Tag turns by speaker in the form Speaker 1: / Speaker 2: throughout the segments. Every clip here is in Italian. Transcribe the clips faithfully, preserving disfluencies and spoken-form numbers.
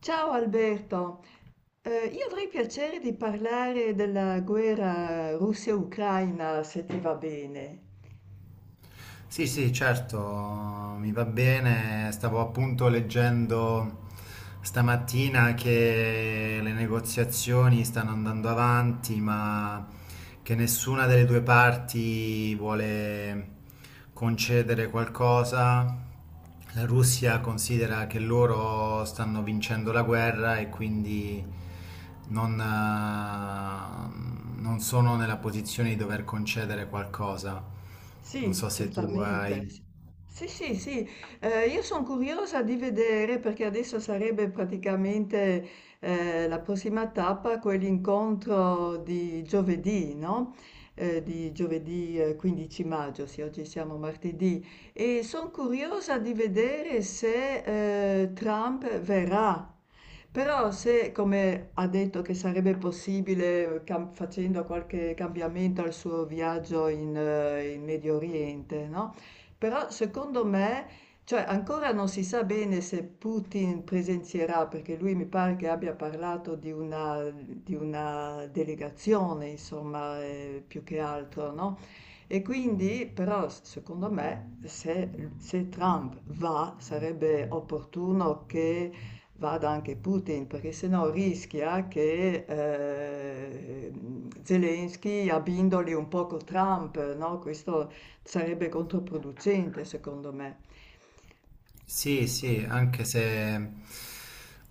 Speaker 1: Ciao Alberto, Eh, io avrei piacere di parlare della guerra Russia-Ucraina, se ti va bene.
Speaker 2: Sì, sì, certo, mi va bene. Stavo appunto leggendo stamattina che le negoziazioni stanno andando avanti, ma che nessuna delle due parti vuole concedere qualcosa. La Russia considera che loro stanno vincendo la guerra e quindi non, eh, non sono nella posizione di dover concedere qualcosa. Non
Speaker 1: Sì,
Speaker 2: so se tu
Speaker 1: certamente.
Speaker 2: hai...
Speaker 1: Sì, sì, sì, Eh, Io sono curiosa di vedere perché adesso sarebbe praticamente eh, la prossima tappa, quell'incontro di giovedì, no? Eh, di giovedì eh, quindici maggio, sì, oggi siamo martedì, e sono curiosa di vedere se eh, Trump verrà. Però se, come ha detto, che sarebbe possibile eh, cam- facendo qualche cambiamento al suo viaggio in, eh, in Medio Oriente, no? Però secondo me, cioè ancora non si sa bene se Putin presenzierà, perché lui mi pare che abbia parlato di una, di una delegazione, insomma, eh, più che altro, no? E quindi, però, s- secondo me, se, se Trump va, sarebbe opportuno che vada anche Putin, perché sennò rischia che eh, Zelensky abbindoli un poco Trump, no? Questo sarebbe controproducente, secondo me.
Speaker 2: Sì, sì, anche se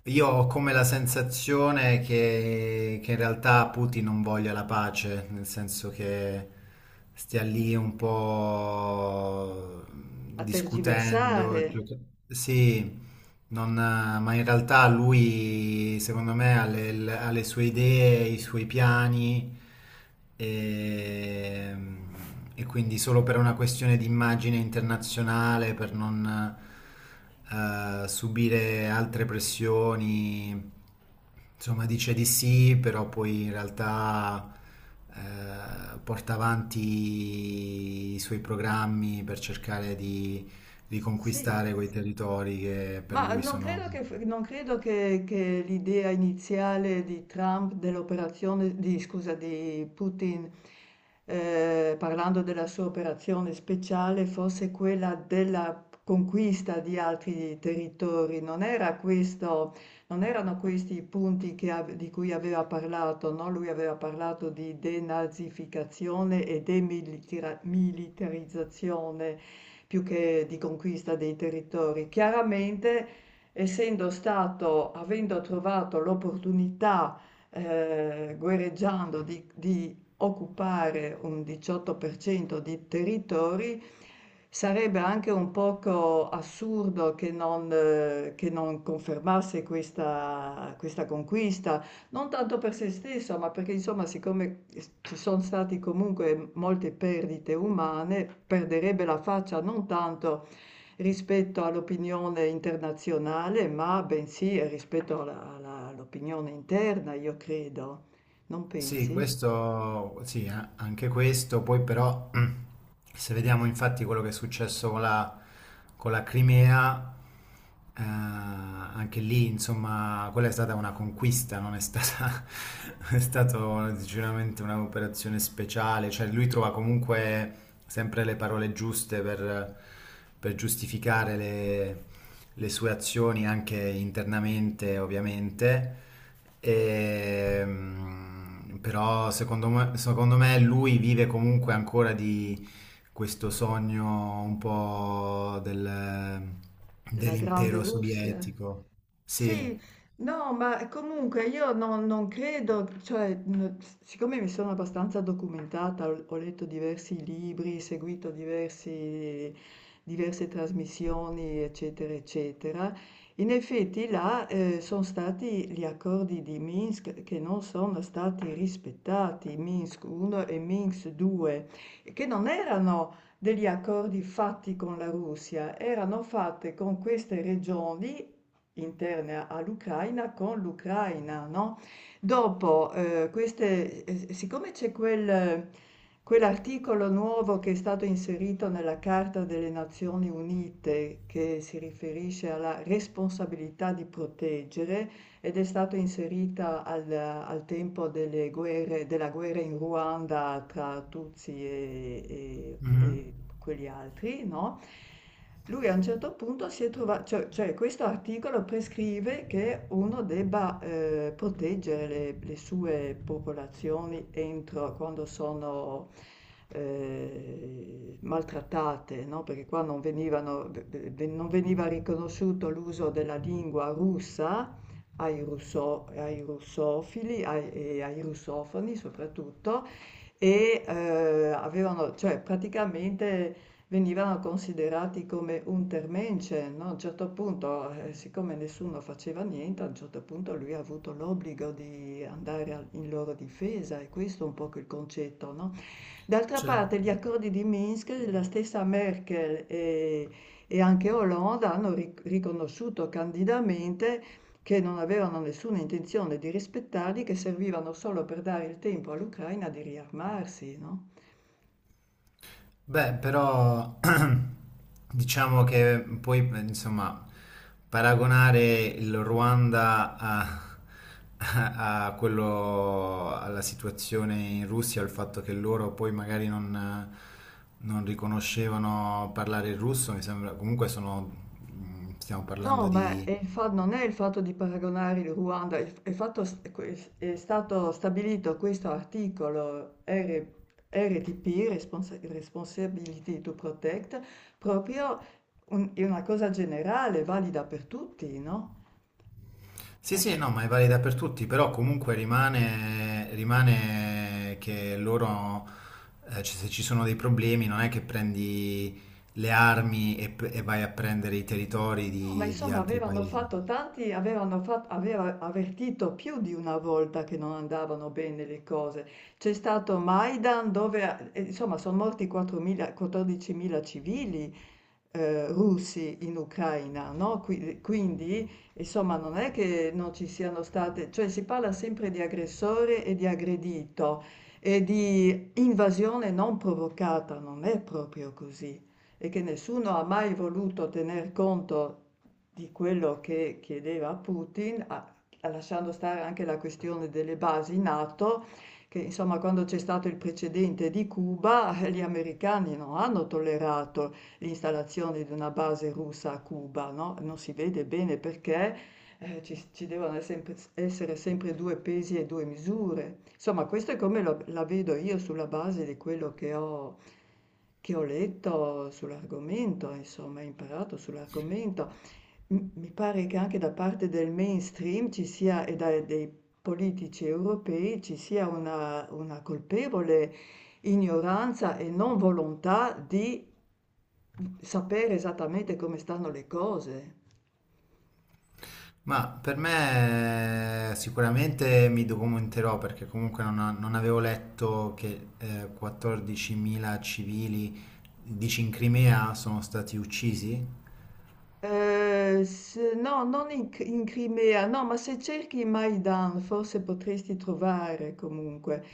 Speaker 2: io ho come la sensazione che, che in realtà Putin non voglia la pace, nel senso che stia lì un po'
Speaker 1: A
Speaker 2: discutendo.
Speaker 1: tergiversare,
Speaker 2: gioca- Sì, non, eh, ma in realtà lui, secondo me, ha le, l- ha le sue idee, i suoi piani e, e quindi solo per una questione di immagine internazionale, per non eh, subire altre pressioni, insomma, dice di sì, però poi in realtà eh, porta avanti i suoi programmi per cercare di
Speaker 1: sì.
Speaker 2: riconquistare quei territori che per
Speaker 1: Ma
Speaker 2: lui
Speaker 1: non
Speaker 2: sono...
Speaker 1: credo che, non credo che- che l'idea iniziale di Trump dell'operazione, di, scusa, di Putin, eh, parlando della sua operazione speciale, fosse quella della conquista di altri territori. Non era questo, non erano questi i punti che ave- di cui aveva parlato, no? Lui aveva parlato di denazificazione e demilitarizzazione più che di conquista dei territori. Chiaramente, essendo stato, avendo trovato l'opportunità, eh, guerreggiando di, di occupare un diciotto per cento di territori, sarebbe anche un poco assurdo che non, eh, che non confermasse questa questa conquista non tanto per se stesso, ma perché insomma, siccome ci sono state comunque molte perdite umane, perderebbe la faccia non tanto rispetto all'opinione internazionale, ma bensì rispetto alla- alla- all'opinione interna, io credo. Non
Speaker 2: Sì,
Speaker 1: pensi?
Speaker 2: questo, sì, eh, anche questo, poi però se vediamo infatti quello che è successo con la, con la Crimea, eh, anche lì insomma quella è stata una conquista, non è stata, è stata sicuramente un'operazione speciale, cioè lui trova comunque sempre le parole giuste per, per giustificare le, le sue azioni anche internamente ovviamente. E, però secondo me, secondo me lui vive comunque ancora di questo sogno un po' del-
Speaker 1: Della grande
Speaker 2: dell'impero
Speaker 1: Russia?
Speaker 2: sovietico.
Speaker 1: Sì,
Speaker 2: Sì.
Speaker 1: no, ma comunque io non, non credo, cioè, mh, siccome mi sono abbastanza documentata, ho, ho letto diversi libri, seguito diversi- diverse trasmissioni, eccetera, eccetera, in effetti là, eh, sono stati gli accordi di Minsk che non sono stati rispettati, Minsk uno e Minsk due, che non erano degli accordi fatti con la Russia, erano fatte con queste regioni interne all'Ucraina con l'Ucraina, no? Dopo, eh, queste, eh, siccome c'è quel, quell'articolo nuovo che è stato inserito nella Carta delle Nazioni Unite, che si riferisce alla responsabilità di proteggere ed è stato inserita al, al tempo delle guerre, della guerra in Ruanda tra Tutsi e, e-
Speaker 2: Mhm.
Speaker 1: e quegli altri, no? Lui a un certo punto si è trovato, cioè, cioè questo articolo prescrive che uno debba eh, proteggere le, le sue popolazioni entro quando sono eh, maltrattate, no? Perché qua non venivano- ve- non veniva riconosciuto l'uso della lingua russa ai, russo- ai russofili ai- e ai russofoni soprattutto, e eh, avevano, cioè praticamente venivano considerati come untermensch, no? A un certo punto, eh, siccome nessuno faceva niente, a un certo punto lui ha avuto l'obbligo di andare al- in loro difesa, e questo è un po' il concetto, no? D'altra
Speaker 2: Cioè.
Speaker 1: parte, gli accordi di Minsk, la stessa Merkel e, e anche Hollande hanno ric- riconosciuto candidamente che non avevano nessuna intenzione di rispettarli, che servivano solo per dare il tempo all'Ucraina di riarmarsi, no?
Speaker 2: Beh, però diciamo che poi, eh, insomma, paragonare il Ruanda a, a- a quello, alla situazione in Russia, al fatto che loro poi magari non, non riconoscevano parlare il russo, mi sembra, comunque sono, mm, stiamo
Speaker 1: No,
Speaker 2: parlando
Speaker 1: ma
Speaker 2: di
Speaker 1: è il fa- non è il fatto di paragonare il Ruanda, il- è, fatto s- que- è stato stabilito questo articolo R- RTP, Responsa- Responsibility to Protect, proprio un- è una cosa generale, valida per tutti, no?
Speaker 2: sì,
Speaker 1: Eh,
Speaker 2: sì, no, ma è valida per tutti, però comunque rimane, rimane che loro, eh, ci- se ci sono dei problemi, non è che prendi le armi e, p- e vai a prendere i territori
Speaker 1: no, ma
Speaker 2: di, di
Speaker 1: insomma
Speaker 2: altri
Speaker 1: avevano
Speaker 2: paesi.
Speaker 1: fatto tanti, avevano fatto, aveva avvertito più di una volta che non andavano bene le cose. C'è stato Maidan dove, eh, insomma, sono morti quattromila quattordicimila civili eh, russi in Ucraina, no? Qui- Quindi, insomma, non è che non ci siano state, cioè si parla sempre di aggressore e di aggredito e di invasione non provocata, non è proprio così. E che nessuno ha mai voluto tener conto di quello che chiedeva Putin, a- a lasciando stare anche la questione delle basi NATO, che insomma quando c'è stato il precedente di Cuba, eh, gli americani non hanno tollerato l'installazione di una base russa a Cuba, no? Non si vede bene perché eh, ci, ci devono sempre- essere sempre due pesi e due misure. Insomma, questo è come lo- la vedo io sulla base di quello che ho, che ho letto sull'argomento, insomma, imparato sull'argomento. M- Mi pare che anche da parte del mainstream ci sia e da- dei politici europei ci sia una, una colpevole ignoranza e non volontà di sapere esattamente come stanno le cose.
Speaker 2: Ma per me eh, sicuramente mi documenterò perché comunque non, non avevo letto che eh, quattordicimila civili, dici in Crimea, sono stati uccisi?
Speaker 1: Ehm, s no, non in C in Crimea, no, ma se cerchi Maidan forse potresti trovare comunque.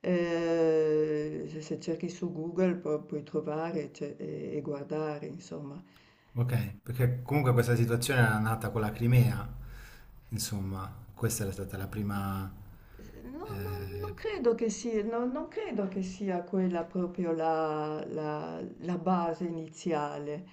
Speaker 1: Ehm, se se cerchi su Google pu puoi trovare ce e e guardare insomma.
Speaker 2: Ok, perché comunque questa situazione era nata con la Crimea, insomma, questa era stata la prima...
Speaker 1: Ehm, no non non
Speaker 2: Eh,
Speaker 1: credo che si no non credo che sia quella proprio la la la base iniziale.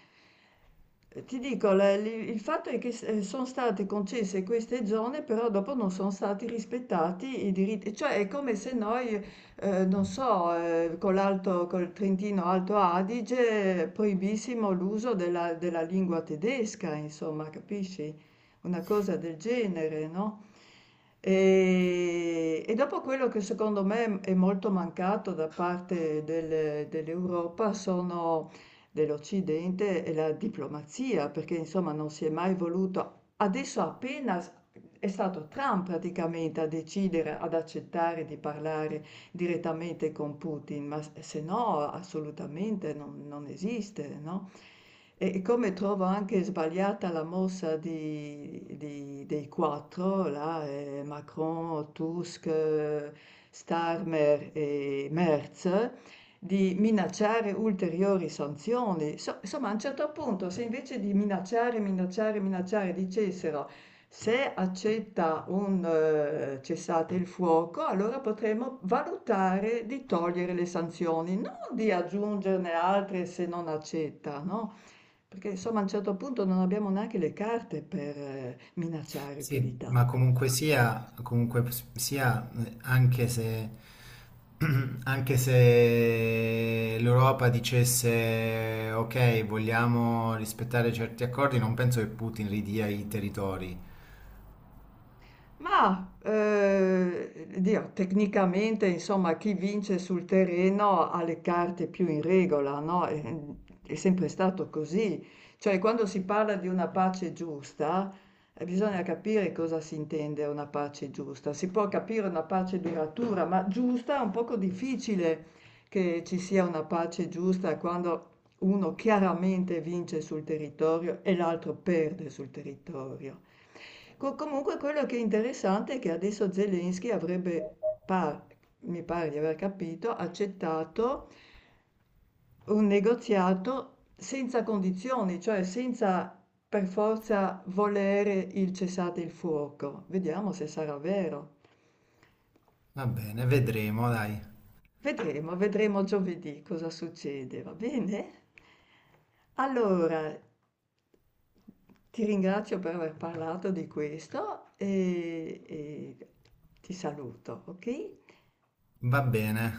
Speaker 1: Eh, Ti dico, la- li- il fatto è che s- eh, sono state concesse queste zone, però dopo non sono stati rispettati i diritti, cioè è come se noi, eh, non so, eh, con l'Alto, col Trentino Alto Adige eh, proibissimo l'uso della, della lingua tedesca, insomma, capisci? Una cosa del genere, no? E, e dopo quello che secondo me è molto mancato da parte del- dell'Europa sono dell'Occidente e la diplomazia, perché insomma non si è mai voluto. Adesso appena s- è stato Trump praticamente a decidere, ad accettare di parlare direttamente con Putin, ma s- se no assolutamente non, non esiste, no? E e come trovo anche sbagliata la mossa di- di- dei quattro, là, eh, Macron, Tusk, eh, Starmer e Merz, di minacciare ulteriori sanzioni. So- insomma, a un certo punto, se invece di minacciare, minacciare, minacciare, dicessero se accetta un eh, cessate il fuoco, allora potremmo valutare di togliere le sanzioni, non di aggiungerne altre se non accetta, no? Perché insomma a un certo punto non abbiamo neanche le carte per eh, minacciare più di
Speaker 2: sì, ma
Speaker 1: tanto.
Speaker 2: comunque sia, comunque s- sia, eh, anche se, anche se l'Europa dicesse ok, vogliamo rispettare certi accordi, non penso che Putin ridia i territori.
Speaker 1: Mah, ehm, Dio, tecnicamente insomma chi vince sul terreno ha le carte più in regola, no, ehm, è sempre stato così. Cioè quando si parla di una pace giusta, eh, bisogna capire cosa si intende una pace giusta. Si può capire una pace duratura, ma giusta è un poco difficile che ci sia una pace giusta quando uno chiaramente vince sul territorio e l'altro perde sul territorio. Co- comunque quello che è interessante è che adesso Zelensky avrebbe, par- mi pare di aver capito, accettato un negoziato senza condizioni, cioè senza per forza volere il cessate il fuoco. Vediamo se sarà vero.
Speaker 2: Va bene, vedremo, dai.
Speaker 1: Vedremo, vedremo giovedì cosa succede, va bene? Allora, ti ringrazio per aver parlato di questo e, e ti saluto, ok?
Speaker 2: Va bene.